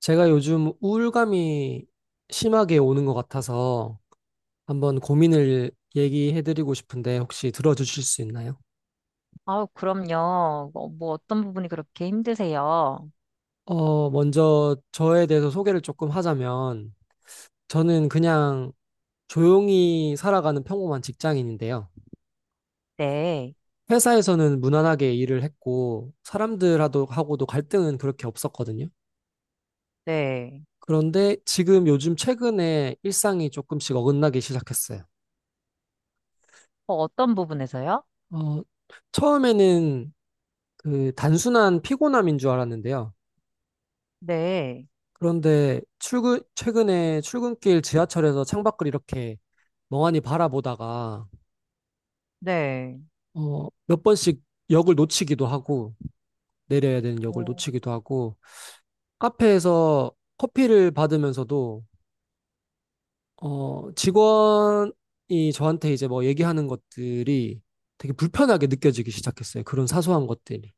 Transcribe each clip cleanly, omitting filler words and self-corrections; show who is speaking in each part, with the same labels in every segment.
Speaker 1: 제가 요즘 우울감이 심하게 오는 것 같아서 한번 고민을 얘기해드리고 싶은데 혹시 들어주실 수 있나요?
Speaker 2: 그럼요. 뭐 어떤 부분이 그렇게 힘드세요?
Speaker 1: 먼저 저에 대해서 소개를 조금 하자면 저는 그냥 조용히 살아가는 평범한 직장인인데요.
Speaker 2: 네,
Speaker 1: 회사에서는 무난하게 일을 했고 사람들하고도 하고도 갈등은 그렇게 없었거든요.
Speaker 2: 네.
Speaker 1: 그런데 지금 요즘 최근에 일상이 조금씩 어긋나기 시작했어요.
Speaker 2: 어떤 부분에서요?
Speaker 1: 어, 처음에는 그 단순한 피곤함인 줄 알았는데요.
Speaker 2: 네,
Speaker 1: 그런데 최근에 출근길 지하철에서 창밖을 이렇게 멍하니 바라보다가,
Speaker 2: 네.
Speaker 1: 몇 번씩 역을 놓치기도 하고, 내려야 되는 역을
Speaker 2: 어,
Speaker 1: 놓치기도 하고, 카페에서 커피를 받으면서도, 직원이 저한테 이제 뭐 얘기하는 것들이 되게 불편하게 느껴지기 시작했어요. 그런 사소한 것들이.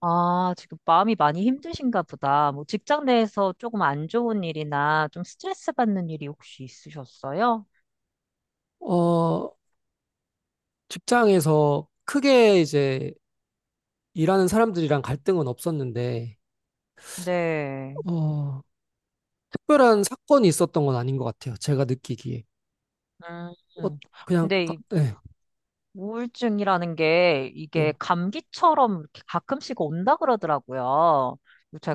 Speaker 2: 아, 지금 마음이 많이 힘드신가 보다. 뭐 직장 내에서 조금 안 좋은 일이나 좀 스트레스 받는 일이 혹시 있으셨어요?
Speaker 1: 어, 직장에서 크게 이제 일하는 사람들이랑 갈등은 없었는데,
Speaker 2: 네.
Speaker 1: 어, 특별한 사건이 있었던 건 아닌 것 같아요. 제가 느끼기에.
Speaker 2: 음,
Speaker 1: 어,
Speaker 2: 음. 근데
Speaker 1: 네,
Speaker 2: 우울증이라는 게 이게
Speaker 1: 네,
Speaker 2: 감기처럼 이렇게 가끔씩 온다 그러더라고요.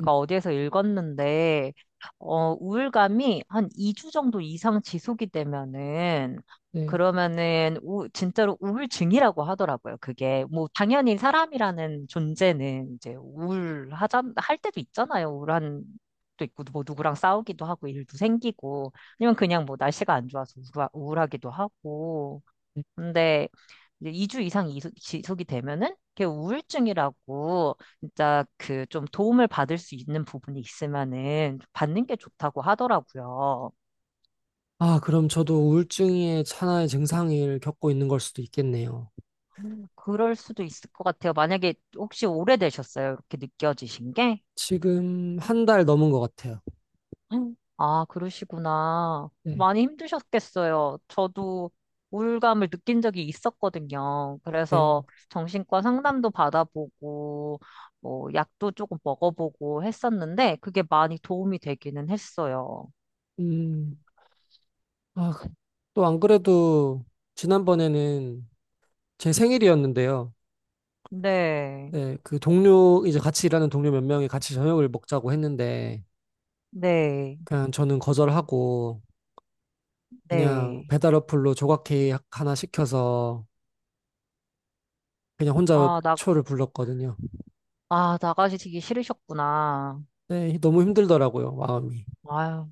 Speaker 1: 음,
Speaker 2: 어디에서 읽었는데, 우울감이 한 2주 정도 이상 지속이 되면은,
Speaker 1: 네.
Speaker 2: 그러면은, 진짜로 우울증이라고 하더라고요. 그게, 뭐, 당연히 사람이라는 존재는 이제 할 때도 있잖아요. 도 있고 뭐 누구랑 싸우기도 하고 일도 생기고, 아니면 그냥 뭐 날씨가 안 좋아서 우울하기도 하고.
Speaker 1: 네.
Speaker 2: 근데 이제 2주 이상 지속이 되면은 그게 우울증이라고 진짜 그 좀 도움을 받을 수 있는 부분이 있으면은 받는 게 좋다고 하더라고요.
Speaker 1: 아, 그럼 저도 우울증의 하나의 증상을 겪고 있는 걸 수도 있겠네요.
Speaker 2: 그럴 수도 있을 것 같아요. 만약에 혹시 오래되셨어요? 이렇게 느껴지신 게?
Speaker 1: 지금 한 달 넘은 것 같아요.
Speaker 2: 음. 아, 그러시구나.
Speaker 1: 네,
Speaker 2: 많이 힘드셨겠어요. 저도 우울감을 느낀 적이 있었거든요.
Speaker 1: 네.
Speaker 2: 그래서 정신과 상담도 받아보고, 뭐, 약도 조금 먹어보고 했었는데, 그게 많이 도움이 되기는 했어요.
Speaker 1: 음, 아, 또 안 그래도 지난번에는 제 생일이었는데요.
Speaker 2: 네,
Speaker 1: 네, 그 동료, 이제 같이 일하는 동료 몇 명이 같이 저녁을 먹자고 했는데,
Speaker 2: 네,
Speaker 1: 그냥 저는 거절하고, 그냥
Speaker 2: 네.
Speaker 1: 배달 어플로 조각 케이크 하나 시켜서 그냥 혼자
Speaker 2: 아, 나,
Speaker 1: 초를 불렀거든요.
Speaker 2: 아, 나가시기 싫으셨구나.
Speaker 1: 네, 너무 힘들더라고요, 마음이.
Speaker 2: 아유.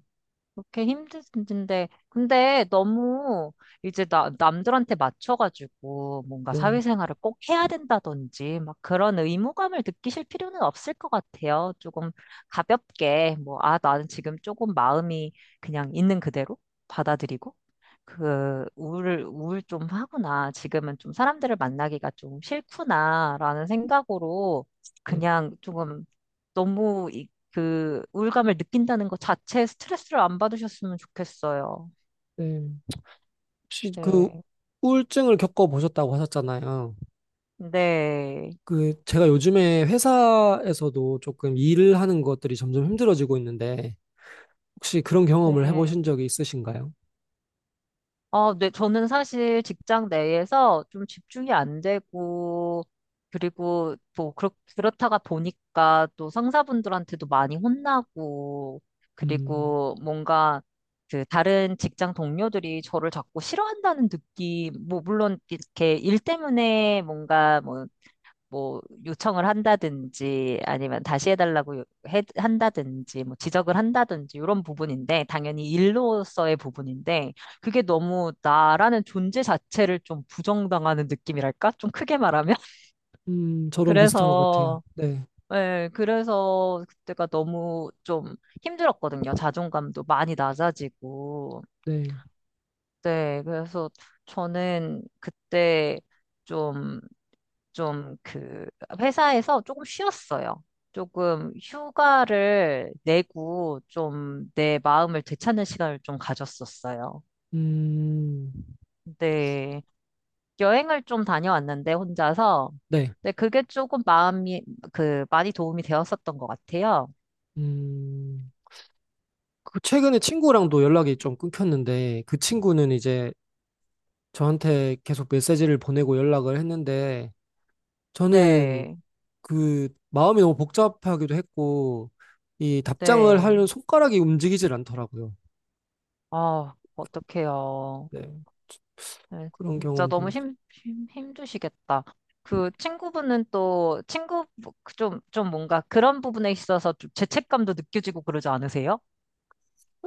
Speaker 2: 그렇게 힘든데, 근데 너무 이제 나, 남들한테 맞춰가지고 뭔가
Speaker 1: 네,
Speaker 2: 사회생활을 꼭 해야 된다든지 막 그런 의무감을 느끼실 필요는 없을 것 같아요. 조금 가볍게, 뭐, 아, 나는 지금 조금 마음이 그냥 있는 그대로 받아들이고. 그 우울 우울 좀 하구나. 지금은 좀 사람들을 만나기가 좀 싫구나라는 생각으로
Speaker 1: 네,
Speaker 2: 그냥 조금 너무 그 우울감을 느낀다는 것 자체에 스트레스를 안 받으셨으면 좋겠어요.
Speaker 1: 네. 혹시 그
Speaker 2: 네.
Speaker 1: 우울증을 겪어보셨다고 하셨잖아요.
Speaker 2: 네.
Speaker 1: 그 제가 요즘에 회사에서도 조금 일을 하는 것들이 점점 힘들어지고 있는데 혹시 그런 경험을 해보신
Speaker 2: 네.
Speaker 1: 적이 있으신가요?
Speaker 2: 어, 네, 저는 사실 직장 내에서 좀 집중이 안 되고, 그리고 뭐, 그렇다가 보니까 또 상사분들한테도 많이 혼나고,
Speaker 1: 음,
Speaker 2: 그리고 뭔가 그 다른 직장 동료들이 저를 자꾸 싫어한다는 느낌, 뭐, 물론 이렇게 일 때문에 뭔가 뭐, 뭐 요청을 한다든지 아니면 다시 해달라고 한다든지 뭐 지적을 한다든지 이런 부분인데 당연히 일로서의 부분인데 그게 너무 나라는 존재 자체를 좀 부정당하는 느낌이랄까? 좀 크게 말하면?
Speaker 1: 저랑 비슷한 것 같아요.
Speaker 2: 그래서
Speaker 1: 네,
Speaker 2: 예, 그래서 그때가 너무 좀 힘들었거든요. 자존감도 많이 낮아지고.
Speaker 1: 네,
Speaker 2: 네, 그래서 저는 그때 좀 좀 그 회사에서 조금 쉬었어요. 조금 휴가를 내고 좀 내 마음을 되찾는 시간을 좀 가졌었어요.
Speaker 1: 음,
Speaker 2: 네. 여행을 좀 다녀왔는데 혼자서.
Speaker 1: 네,
Speaker 2: 근데 그게 조금 마음이 그 많이 도움이 되었었던 것 같아요.
Speaker 1: 음. 그 최근에 친구랑도 연락이 좀 끊겼는데 그 친구는 이제 저한테 계속 메시지를 보내고 연락을 했는데 저는
Speaker 2: 네.
Speaker 1: 그 마음이 너무 복잡하기도 했고 이 답장을
Speaker 2: 네.
Speaker 1: 하려는 손가락이 움직이질 않더라고요.
Speaker 2: 아, 어떡해요.
Speaker 1: 네.
Speaker 2: 네,
Speaker 1: 그런
Speaker 2: 진짜
Speaker 1: 경험도
Speaker 2: 너무 힘드시겠다. 그 친구분은 또 친구 좀 뭔가 그런 부분에 있어서 좀 죄책감도 느껴지고 그러지 않으세요?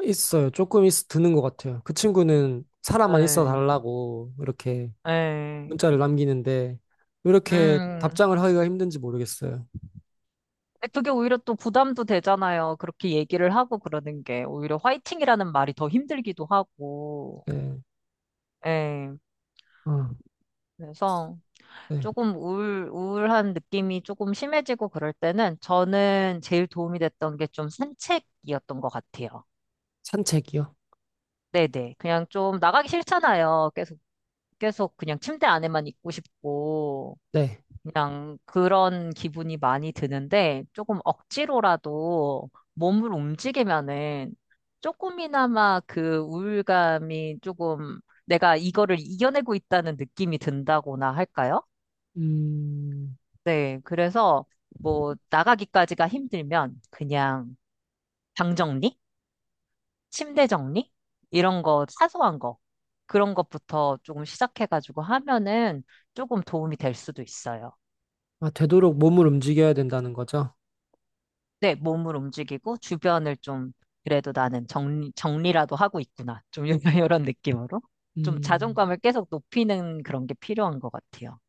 Speaker 1: 있어요. 조금 드는 것 같아요. 그 친구는 사람만 있어
Speaker 2: 네,
Speaker 1: 달라고 이렇게
Speaker 2: 네.
Speaker 1: 문자를 남기는데 왜 이렇게
Speaker 2: 음,
Speaker 1: 답장을 하기가 힘든지 모르겠어요.
Speaker 2: 근데 그게 오히려 또 부담도 되잖아요. 그렇게 얘기를 하고 그러는 게 오히려 화이팅이라는 말이 더 힘들기도 하고.
Speaker 1: 네.
Speaker 2: 네.
Speaker 1: 아,
Speaker 2: 그래서
Speaker 1: 네.
Speaker 2: 조금 우울한 느낌이 조금 심해지고 그럴 때는 저는 제일 도움이 됐던 게 좀 산책이었던 것 같아요.
Speaker 1: 산책이요?
Speaker 2: 네네. 그냥 좀 나가기 싫잖아요. 계속 그냥 침대 안에만 있고 싶고,
Speaker 1: 네.
Speaker 2: 그냥 그런 기분이 많이 드는데, 조금 억지로라도 몸을 움직이면은 조금이나마 그 우울감이 조금 내가 이거를 이겨내고 있다는 느낌이 든다거나 할까요?
Speaker 1: 음.
Speaker 2: 네. 그래서 뭐 나가기까지가 힘들면 그냥 방 정리? 침대 정리? 이런 거, 사소한 거. 그런 것부터 조금 시작해가지고 하면은 조금 도움이 될 수도 있어요.
Speaker 1: 아, 되도록 몸을 움직여야 된다는 거죠?
Speaker 2: 네, 몸을 움직이고 주변을 좀, 그래도 나는 정리라도 하고 있구나. 좀 이런 느낌으로. 좀
Speaker 1: 음,
Speaker 2: 자존감을 계속 높이는 그런 게 필요한 것 같아요.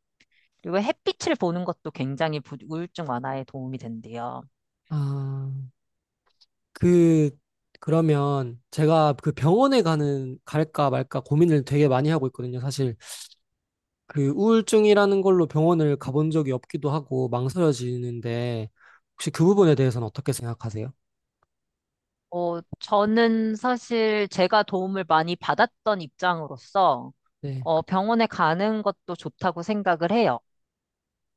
Speaker 2: 그리고 햇빛을 보는 것도 굉장히 우울증 완화에 도움이 된대요.
Speaker 1: 아, 그, 그러면 제가 그 병원에 가는, 갈까 말까 고민을 되게 많이 하고 있거든요, 사실. 그 우울증이라는 걸로 병원을 가본 적이 없기도 하고 망설여지는데, 혹시 그 부분에 대해서는 어떻게 생각하세요?
Speaker 2: 어, 저는 사실 제가 도움을 많이 받았던 입장으로서,
Speaker 1: 네.
Speaker 2: 어, 병원에 가는 것도 좋다고 생각을 해요.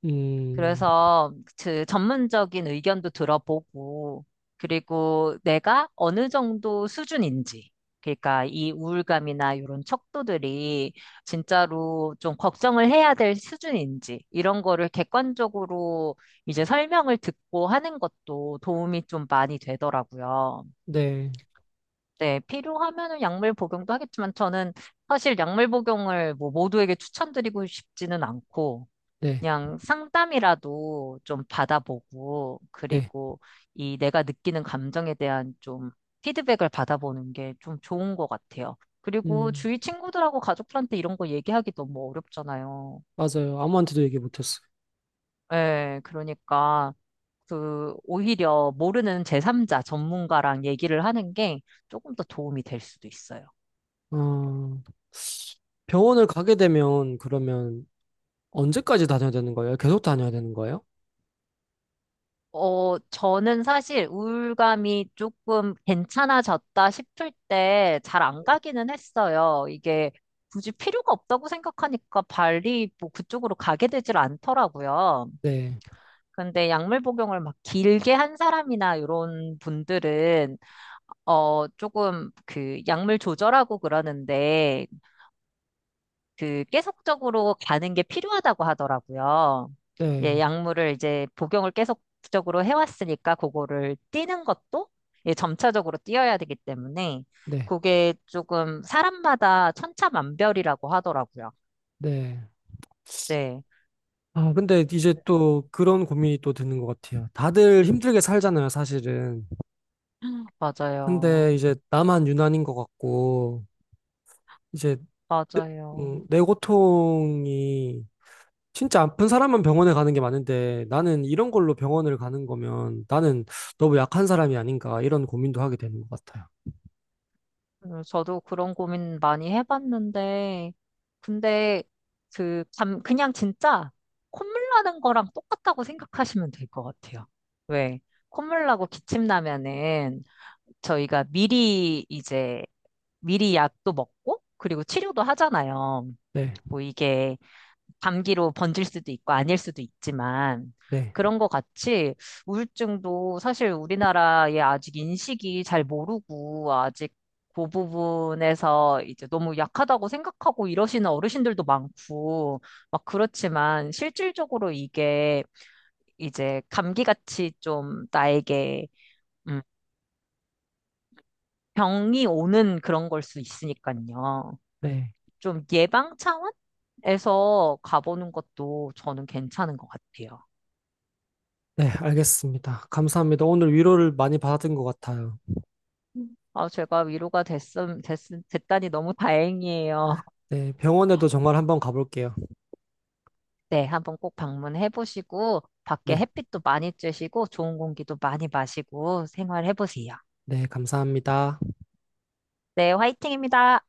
Speaker 1: 음,
Speaker 2: 그래서 그 전문적인 의견도 들어보고, 그리고 내가 어느 정도 수준인지, 그러니까 이 우울감이나 이런 척도들이 진짜로 좀 걱정을 해야 될 수준인지, 이런 거를 객관적으로 이제 설명을 듣고 하는 것도 도움이 좀 많이 되더라고요.
Speaker 1: 네,
Speaker 2: 네, 필요하면은 약물 복용도 하겠지만 저는 사실 약물 복용을 뭐 모두에게 추천드리고 싶지는 않고,
Speaker 1: 네,
Speaker 2: 그냥 상담이라도 좀 받아보고
Speaker 1: 네.
Speaker 2: 그리고 이 내가 느끼는 감정에 대한 좀 피드백을 받아보는 게 좀 좋은 것 같아요. 그리고
Speaker 1: 음,
Speaker 2: 주위 친구들하고 가족들한테 이런 거 얘기하기 너무 어렵잖아요.
Speaker 1: 맞아요. 아무한테도 얘기 못했어요.
Speaker 2: 예, 그러니까 그 오히려 모르는 제3자 전문가랑 얘기를 하는 게 조금 더 도움이 될 수도 있어요.
Speaker 1: 어, 병원을 가게 되면 그러면 언제까지 다녀야 되는 거예요? 계속 다녀야 되는 거예요?
Speaker 2: 어, 저는 사실 우울감이 조금 괜찮아졌다 싶을 때 잘 안 가기는 했어요. 이게 굳이 필요가 없다고 생각하니까 발리 뭐 그쪽으로 가게 되질 않더라고요.
Speaker 1: 네.
Speaker 2: 근데 약물 복용을 막 길게 한 사람이나 이런 분들은 어, 조금 그 약물 조절하고 그러는데 그 계속적으로 가는 게 필요하다고 하더라고요.
Speaker 1: 네,
Speaker 2: 예, 약물을 이제 복용을 계속적으로 해왔으니까 그거를 뛰는 것도 예, 점차적으로 뛰어야 되기 때문에
Speaker 1: 네,
Speaker 2: 그게 조금 사람마다 천차만별이라고 하더라고요.
Speaker 1: 네.
Speaker 2: 네,
Speaker 1: 아, 근데 이제 또 그런 고민이 또 드는 것 같아요. 다들 힘들게 살잖아요, 사실은.
Speaker 2: 맞아요.
Speaker 1: 근데 이제 나만 유난인 것 같고, 이제, 내-
Speaker 2: 맞아요.
Speaker 1: 내 고통이 진짜 아픈 사람만 병원에 가는 게 많은데, 나는 이런 걸로 병원을 가는 거면 나는 너무 약한 사람이 아닌가, 이런 고민도 하게 되는 것 같아요.
Speaker 2: 저도 그런 고민 많이 해봤는데, 근데 그냥 진짜 콧물 나는 거랑 똑같다고 생각하시면 될 것 같아요. 왜? 콧물 나고 기침 나면은 저희가 미리 약도 먹고, 그리고 치료도 하잖아요.
Speaker 1: 네,
Speaker 2: 뭐 이게 감기로 번질 수도 있고 아닐 수도 있지만
Speaker 1: 네,
Speaker 2: 그런 것 같이 우울증도 사실 우리나라에 아직 인식이 잘 모르고 아직 그 부분에서 이제 너무 약하다고 생각하고 이러시는 어르신들도 많고 막 그렇지만 실질적으로 이게 이제 감기같이 좀 나에게 음, 병이 오는 그런 걸 수 있으니까요.
Speaker 1: 네.
Speaker 2: 좀 예방 차원에서 가보는 것도 저는 괜찮은 것 같아요.
Speaker 1: 네, 알겠습니다. 감사합니다. 오늘 위로를 많이 받은 것 같아요.
Speaker 2: 아, 제가 됐다니 너무 다행이에요.
Speaker 1: 네, 병원에도 정말 한번 가볼게요.
Speaker 2: 네, 한번 꼭 방문해 보시고, 밖에
Speaker 1: 네.
Speaker 2: 햇빛도 많이 쬐시고, 좋은 공기도 많이 마시고, 생활해 보세요.
Speaker 1: 네, 감사합니다.
Speaker 2: 네, 화이팅입니다.